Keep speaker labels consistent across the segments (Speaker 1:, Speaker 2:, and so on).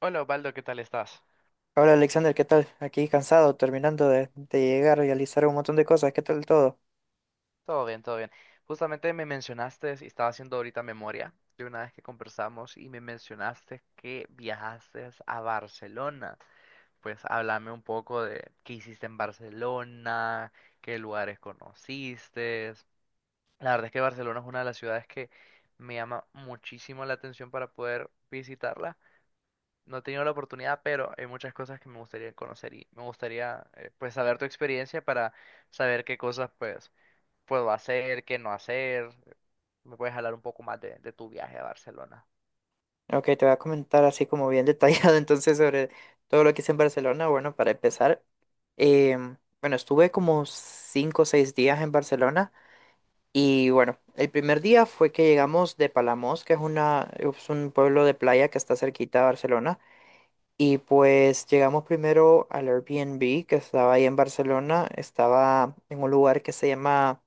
Speaker 1: Hola Osvaldo, ¿qué tal estás?
Speaker 2: Hola Alexander, ¿qué tal? Aquí cansado, terminando de llegar a realizar un montón de cosas. ¿Qué tal todo?
Speaker 1: Todo bien, todo bien. Justamente me mencionaste, y estaba haciendo ahorita memoria de una vez que conversamos y me mencionaste que viajaste a Barcelona. Pues háblame un poco de qué hiciste en Barcelona, qué lugares conociste. La verdad es que Barcelona es una de las ciudades que me llama muchísimo la atención para poder visitarla. No he tenido la oportunidad, pero hay muchas cosas que me gustaría conocer y me gustaría pues saber tu experiencia para saber qué cosas pues puedo hacer, qué no hacer. ¿Me puedes hablar un poco más de tu viaje a Barcelona?
Speaker 2: Ok, te voy a comentar así como bien detallado entonces sobre todo lo que hice en Barcelona. Bueno, para empezar, bueno, estuve como 5 o 6 días en Barcelona y bueno, el primer día fue que llegamos de Palamós, que es una, es un pueblo de playa que está cerquita de Barcelona. Y pues llegamos primero al Airbnb que estaba ahí en Barcelona. Estaba en un lugar que se llama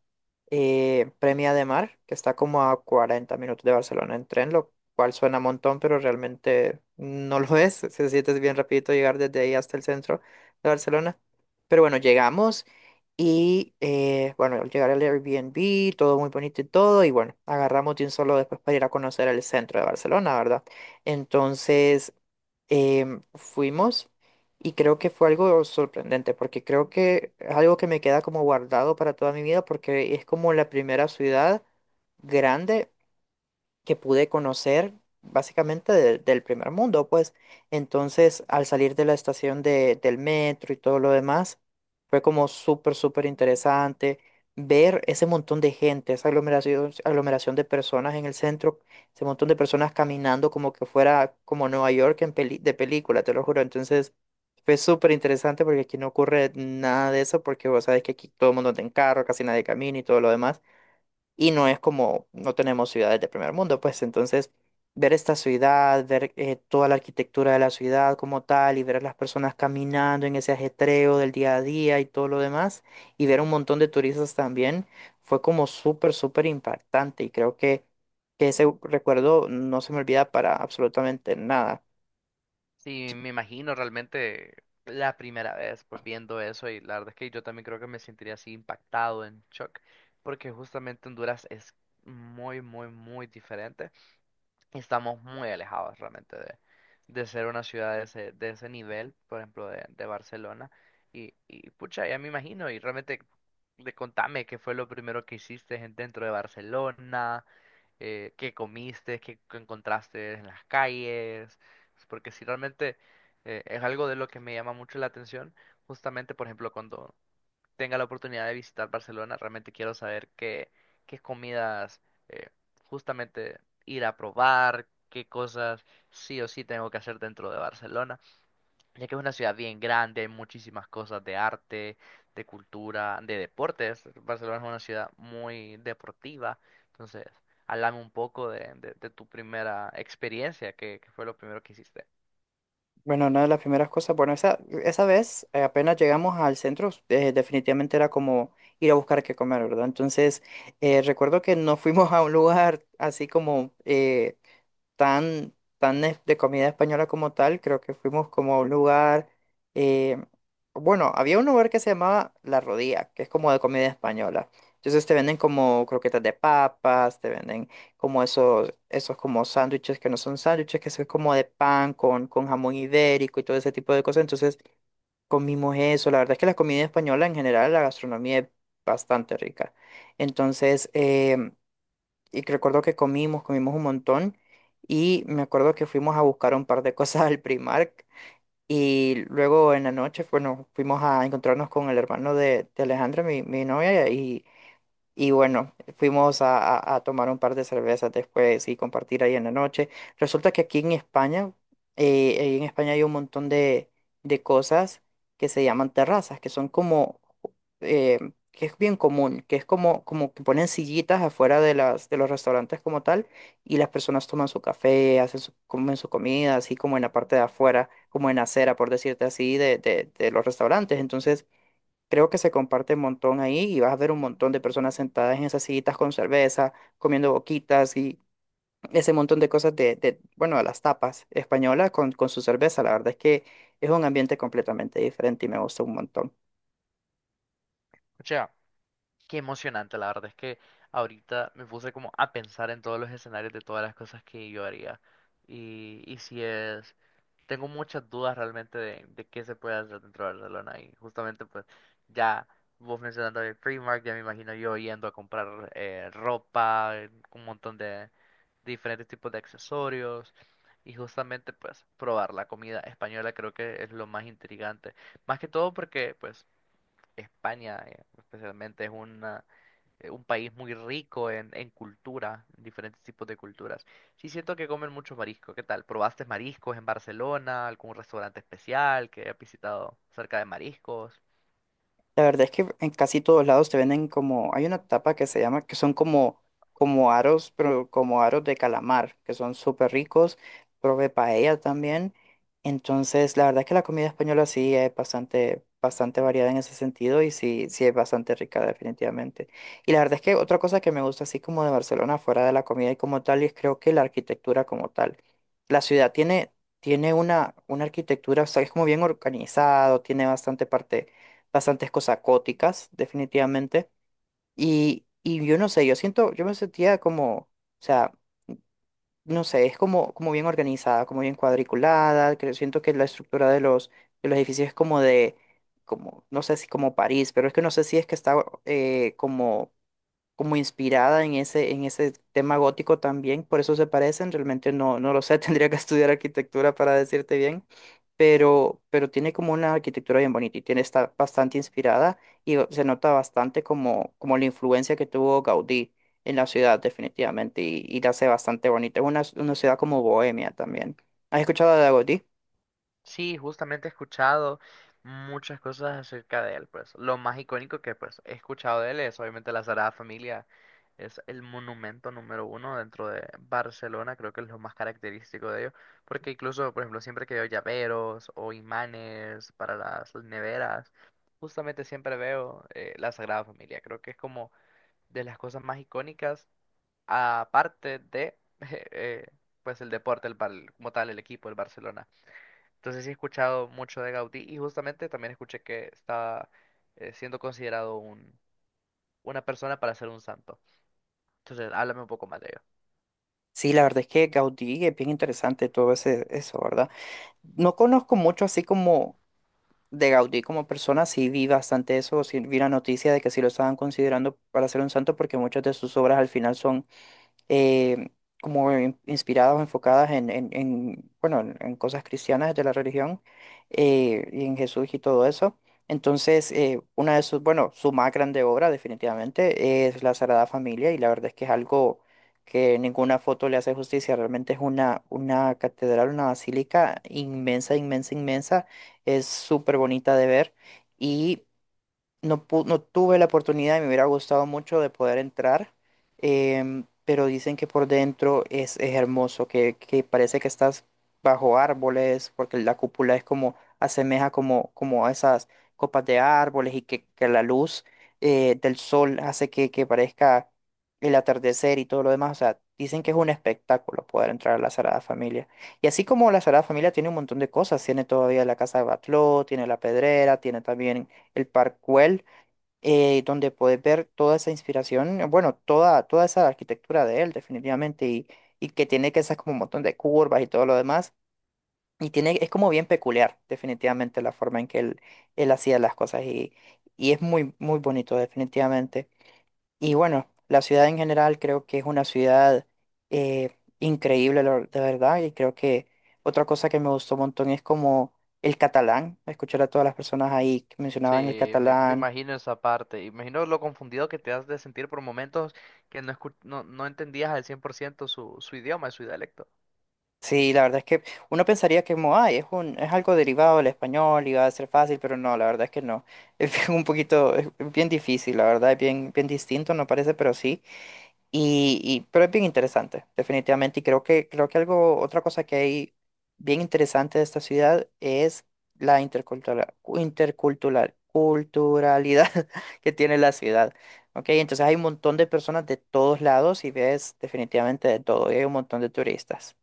Speaker 2: Premia de Mar, que está como a 40 minutos de Barcelona en tren, lo cual suena un montón, pero realmente no lo es. Se siente bien rapidito llegar desde ahí hasta el centro de Barcelona. Pero bueno, llegamos y bueno, al llegar al Airbnb, todo muy bonito y todo. Y bueno, agarramos de un solo después para ir a conocer el centro de Barcelona, ¿verdad? Entonces fuimos y creo que fue algo sorprendente porque creo que es algo que me queda como guardado para toda mi vida porque es como la primera ciudad grande que pude conocer básicamente del primer mundo, pues. Entonces, al salir de la estación del metro y todo lo demás, fue como súper, súper interesante ver ese montón de gente, esa aglomeración de personas en el centro, ese montón de personas caminando como que fuera como Nueva York en de película, te lo juro. Entonces, fue súper interesante porque aquí no ocurre nada de eso, porque vos sabes que aquí todo el mundo anda en carro, casi nadie camina y todo lo demás y no es como, no tenemos ciudades de primer mundo, pues entonces ver esta ciudad, ver toda la arquitectura de la ciudad como tal y ver a las personas caminando en ese ajetreo del día a día y todo lo demás y ver un montón de turistas también fue como súper, súper impactante y que ese recuerdo no se me olvida para absolutamente nada.
Speaker 1: Sí, me imagino realmente la primera vez pues viendo eso y la verdad es que yo también creo que me sentiría así impactado en shock porque justamente Honduras es muy, muy, muy diferente. Estamos muy alejados realmente de ser una ciudad de ese nivel, por ejemplo, de Barcelona. Y pucha, ya me imagino y realmente de, contame qué fue lo primero que hiciste dentro de Barcelona qué comiste, qué, qué encontraste en las calles, porque si realmente es algo de lo que me llama mucho la atención, justamente, por ejemplo, cuando tenga la oportunidad de visitar Barcelona, realmente quiero saber qué, qué comidas eh, justamente ir a probar, qué cosas sí o sí tengo que hacer dentro de Barcelona ya que es una ciudad bien grande, hay muchísimas cosas de arte, de cultura, de deportes. Barcelona es una ciudad muy deportiva, entonces, háblame un poco de tu primera experiencia, que fue lo primero que hiciste.
Speaker 2: Bueno, una de las primeras cosas, bueno, esa vez apenas llegamos al centro, definitivamente era como ir a buscar qué comer, ¿verdad? Entonces, recuerdo que no fuimos a un lugar así como, tan, de comida española como tal, creo que fuimos como a un lugar, eh, bueno, había un lugar que se llamaba La Rodilla, que es como de comida española. Entonces te venden como croquetas de papas, te venden como esos, esos como sándwiches que no son sándwiches, que son como de pan con jamón ibérico y todo ese tipo de cosas. Entonces comimos eso. La verdad es que la comida española en general, la gastronomía es bastante rica. Entonces, y que recuerdo que comimos un montón y me acuerdo que fuimos a buscar un par de cosas al Primark y luego en la noche, bueno, fuimos a encontrarnos con el hermano de Alejandra, mi novia, y bueno, fuimos a tomar un par de cervezas después y compartir ahí en la noche. Resulta que aquí en España, ahí en España hay un montón de cosas que se llaman terrazas, que son como, eh, que es bien común, que es como, como que ponen sillitas afuera de las, de los restaurantes como tal, y las personas toman su café, hacen su, comen su comida, así como en la parte de afuera, como en la acera, por decirte así, de, de los restaurantes. Entonces, creo que se comparte un montón ahí y vas a ver un montón de personas sentadas en esas sillitas con cerveza, comiendo boquitas y ese montón de cosas de, bueno, de las tapas españolas con su cerveza. La verdad es que es un ambiente completamente diferente y me gusta un montón.
Speaker 1: O sea, qué emocionante, la verdad es que ahorita me puse como a pensar en todos los escenarios de todas las cosas que yo haría. Y si es tengo muchas dudas realmente de qué se puede hacer dentro de Barcelona y justamente pues ya vos mencionando el Primark, ya me imagino yo yendo a comprar ropa, un montón de diferentes tipos de accesorios y justamente pues probar la comida española creo que es lo más intrigante, más que todo porque pues España especialmente es un país muy rico en cultura, en diferentes tipos de culturas. Sí, siento que comen muchos mariscos. ¿Qué tal? ¿Probaste mariscos en Barcelona? ¿Algún restaurante especial que hayas visitado acerca de mariscos?
Speaker 2: La verdad es que en casi todos lados te venden como, hay una tapa que se llama, que son como, como aros, pero como aros de calamar, que son súper ricos, probé paella también. Entonces, la verdad es que la comida española sí es bastante, bastante variada en ese sentido y sí, sí es bastante rica definitivamente. Y la verdad es que otra cosa que me gusta así como de Barcelona, fuera de la comida y como tal, y es creo que la arquitectura como tal. La ciudad tiene, tiene una arquitectura, o sea, es como bien organizado, tiene bastante parte bastantes cosas góticas, definitivamente. Y yo no sé, yo siento, yo me sentía como, o sea, no sé, es como, como bien organizada, como bien cuadriculada, que siento que la estructura de los edificios es como de, como, no sé si como París, pero es que no sé si es que está como, como inspirada en ese tema gótico también, por eso se parecen, realmente no, no lo sé, tendría que estudiar arquitectura para decirte bien pero tiene como una arquitectura bien bonita y tiene, está bastante inspirada y se nota bastante como, como la influencia que tuvo Gaudí en la ciudad definitivamente y la hace bastante bonita. Es una ciudad como Bohemia también. ¿Has escuchado de Gaudí?
Speaker 1: Sí, justamente he escuchado muchas cosas acerca de él, pues. Lo más icónico que pues he escuchado de él es obviamente la Sagrada Familia. Es el monumento número 1 dentro de Barcelona, creo que es lo más característico de ello, porque incluso, por ejemplo, siempre que veo llaveros o imanes para las neveras, justamente siempre veo la Sagrada Familia. Creo que es como de las cosas más icónicas, aparte de, eh, pues, el deporte, como tal, el equipo, el Barcelona. Entonces sí he escuchado mucho de Gaudí y justamente también escuché que está siendo considerado una persona para ser un santo. Entonces, háblame un poco más de ello.
Speaker 2: Sí, la verdad es que Gaudí es bien interesante todo ese, eso, ¿verdad? No conozco mucho así como de Gaudí como persona, sí vi bastante eso, sí vi la noticia de que sí lo estaban considerando para ser un santo porque muchas de sus obras al final son eh, como inspiradas o enfocadas en, en, bueno, en cosas cristianas de la religión, y en Jesús y todo eso. Entonces, una de sus, bueno, su más grande obra definitivamente es La Sagrada Familia y la verdad es que es algo que ninguna foto le hace justicia, realmente es una catedral, una basílica inmensa, inmensa, inmensa, es súper bonita de ver no, no tuve la oportunidad y me hubiera gustado mucho de poder entrar, pero dicen que por dentro es hermoso, que parece que estás bajo árboles, porque la cúpula es como, asemeja como, como a esas copas de árboles y que la luz del sol hace que parezca el atardecer y todo lo demás. O sea, dicen que es un espectáculo poder entrar a la Sagrada Familia. Y así como la Sagrada Familia tiene un montón de cosas, tiene todavía la Casa de Batlló, tiene la Pedrera, tiene también el Parkwell, donde puedes ver toda esa inspiración, bueno, toda, toda esa arquitectura de él, definitivamente, y que tiene que esas como un montón de curvas y todo lo demás. Y tiene, es como bien peculiar, definitivamente, la forma en que él hacía las cosas. Y es muy, muy bonito, definitivamente. Y bueno, la ciudad en general creo que es una ciudad increíble, de verdad. Y creo que otra cosa que me gustó un montón es como el catalán. Escuchar a todas las personas ahí que mencionaban el
Speaker 1: Sí, me
Speaker 2: catalán.
Speaker 1: imagino esa parte. Imagino lo confundido que te has de sentir por momentos que no, no, no entendías al 100% su, su idioma, su dialecto.
Speaker 2: Sí, la verdad es que uno pensaría que como, ay, es un, es algo derivado del español y va a ser fácil, pero no, la verdad es que no. Es bien un poquito, es bien difícil, la verdad, es bien, bien distinto, no parece, pero sí. Y, pero es bien interesante, definitivamente. Y creo que algo, otra cosa que hay bien interesante de esta ciudad es la culturalidad que tiene la ciudad. Ok, entonces hay un montón de personas de todos lados y ves definitivamente de todo, y hay un montón de turistas.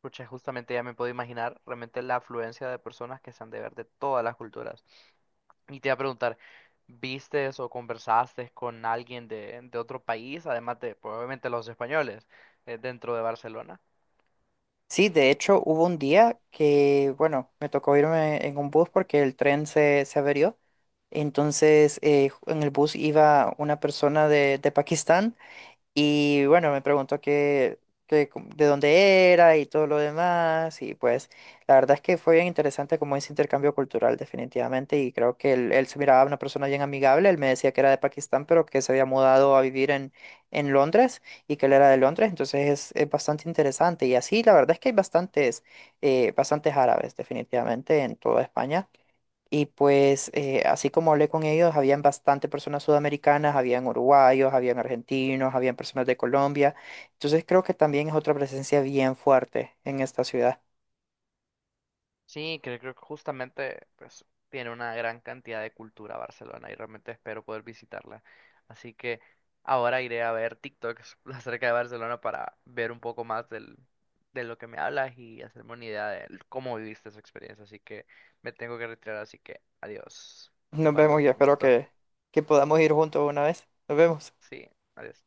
Speaker 1: Pucha, justamente ya me puedo imaginar realmente la afluencia de personas que se han de ver de todas las culturas. Y te iba a preguntar, ¿vistes o conversaste con alguien de otro país, además de probablemente los españoles, dentro de Barcelona?
Speaker 2: Sí, de hecho hubo un día que, bueno, me tocó irme en un bus porque el tren se averió. Entonces, en el bus iba una persona de Pakistán. Y bueno, me preguntó que de dónde era y todo lo demás. Y pues la verdad es que fue bien interesante como ese intercambio cultural definitivamente. Y creo que él se miraba una persona bien amigable. Él me decía que era de Pakistán, pero que se había mudado a vivir en Londres y que él era de Londres. Entonces es bastante interesante. Y así la verdad es que hay bastantes, bastantes árabes definitivamente en toda España. Y pues así como hablé con ellos, habían bastante personas sudamericanas, habían uruguayos, habían argentinos, habían personas de Colombia. Entonces creo que también es otra presencia bien fuerte en esta ciudad.
Speaker 1: Sí, creo, creo que justamente pues tiene una gran cantidad de cultura Barcelona y realmente espero poder visitarla. Así que ahora iré a ver TikToks acerca de Barcelona para ver un poco más del, de lo que me hablas y hacerme una idea de cómo viviste esa experiencia. Así que me tengo que retirar, así que adiós.
Speaker 2: Nos vemos
Speaker 1: Osvaldo,
Speaker 2: y
Speaker 1: un
Speaker 2: espero
Speaker 1: gusto.
Speaker 2: que podamos ir juntos una vez. Nos vemos.
Speaker 1: Sí, adiós.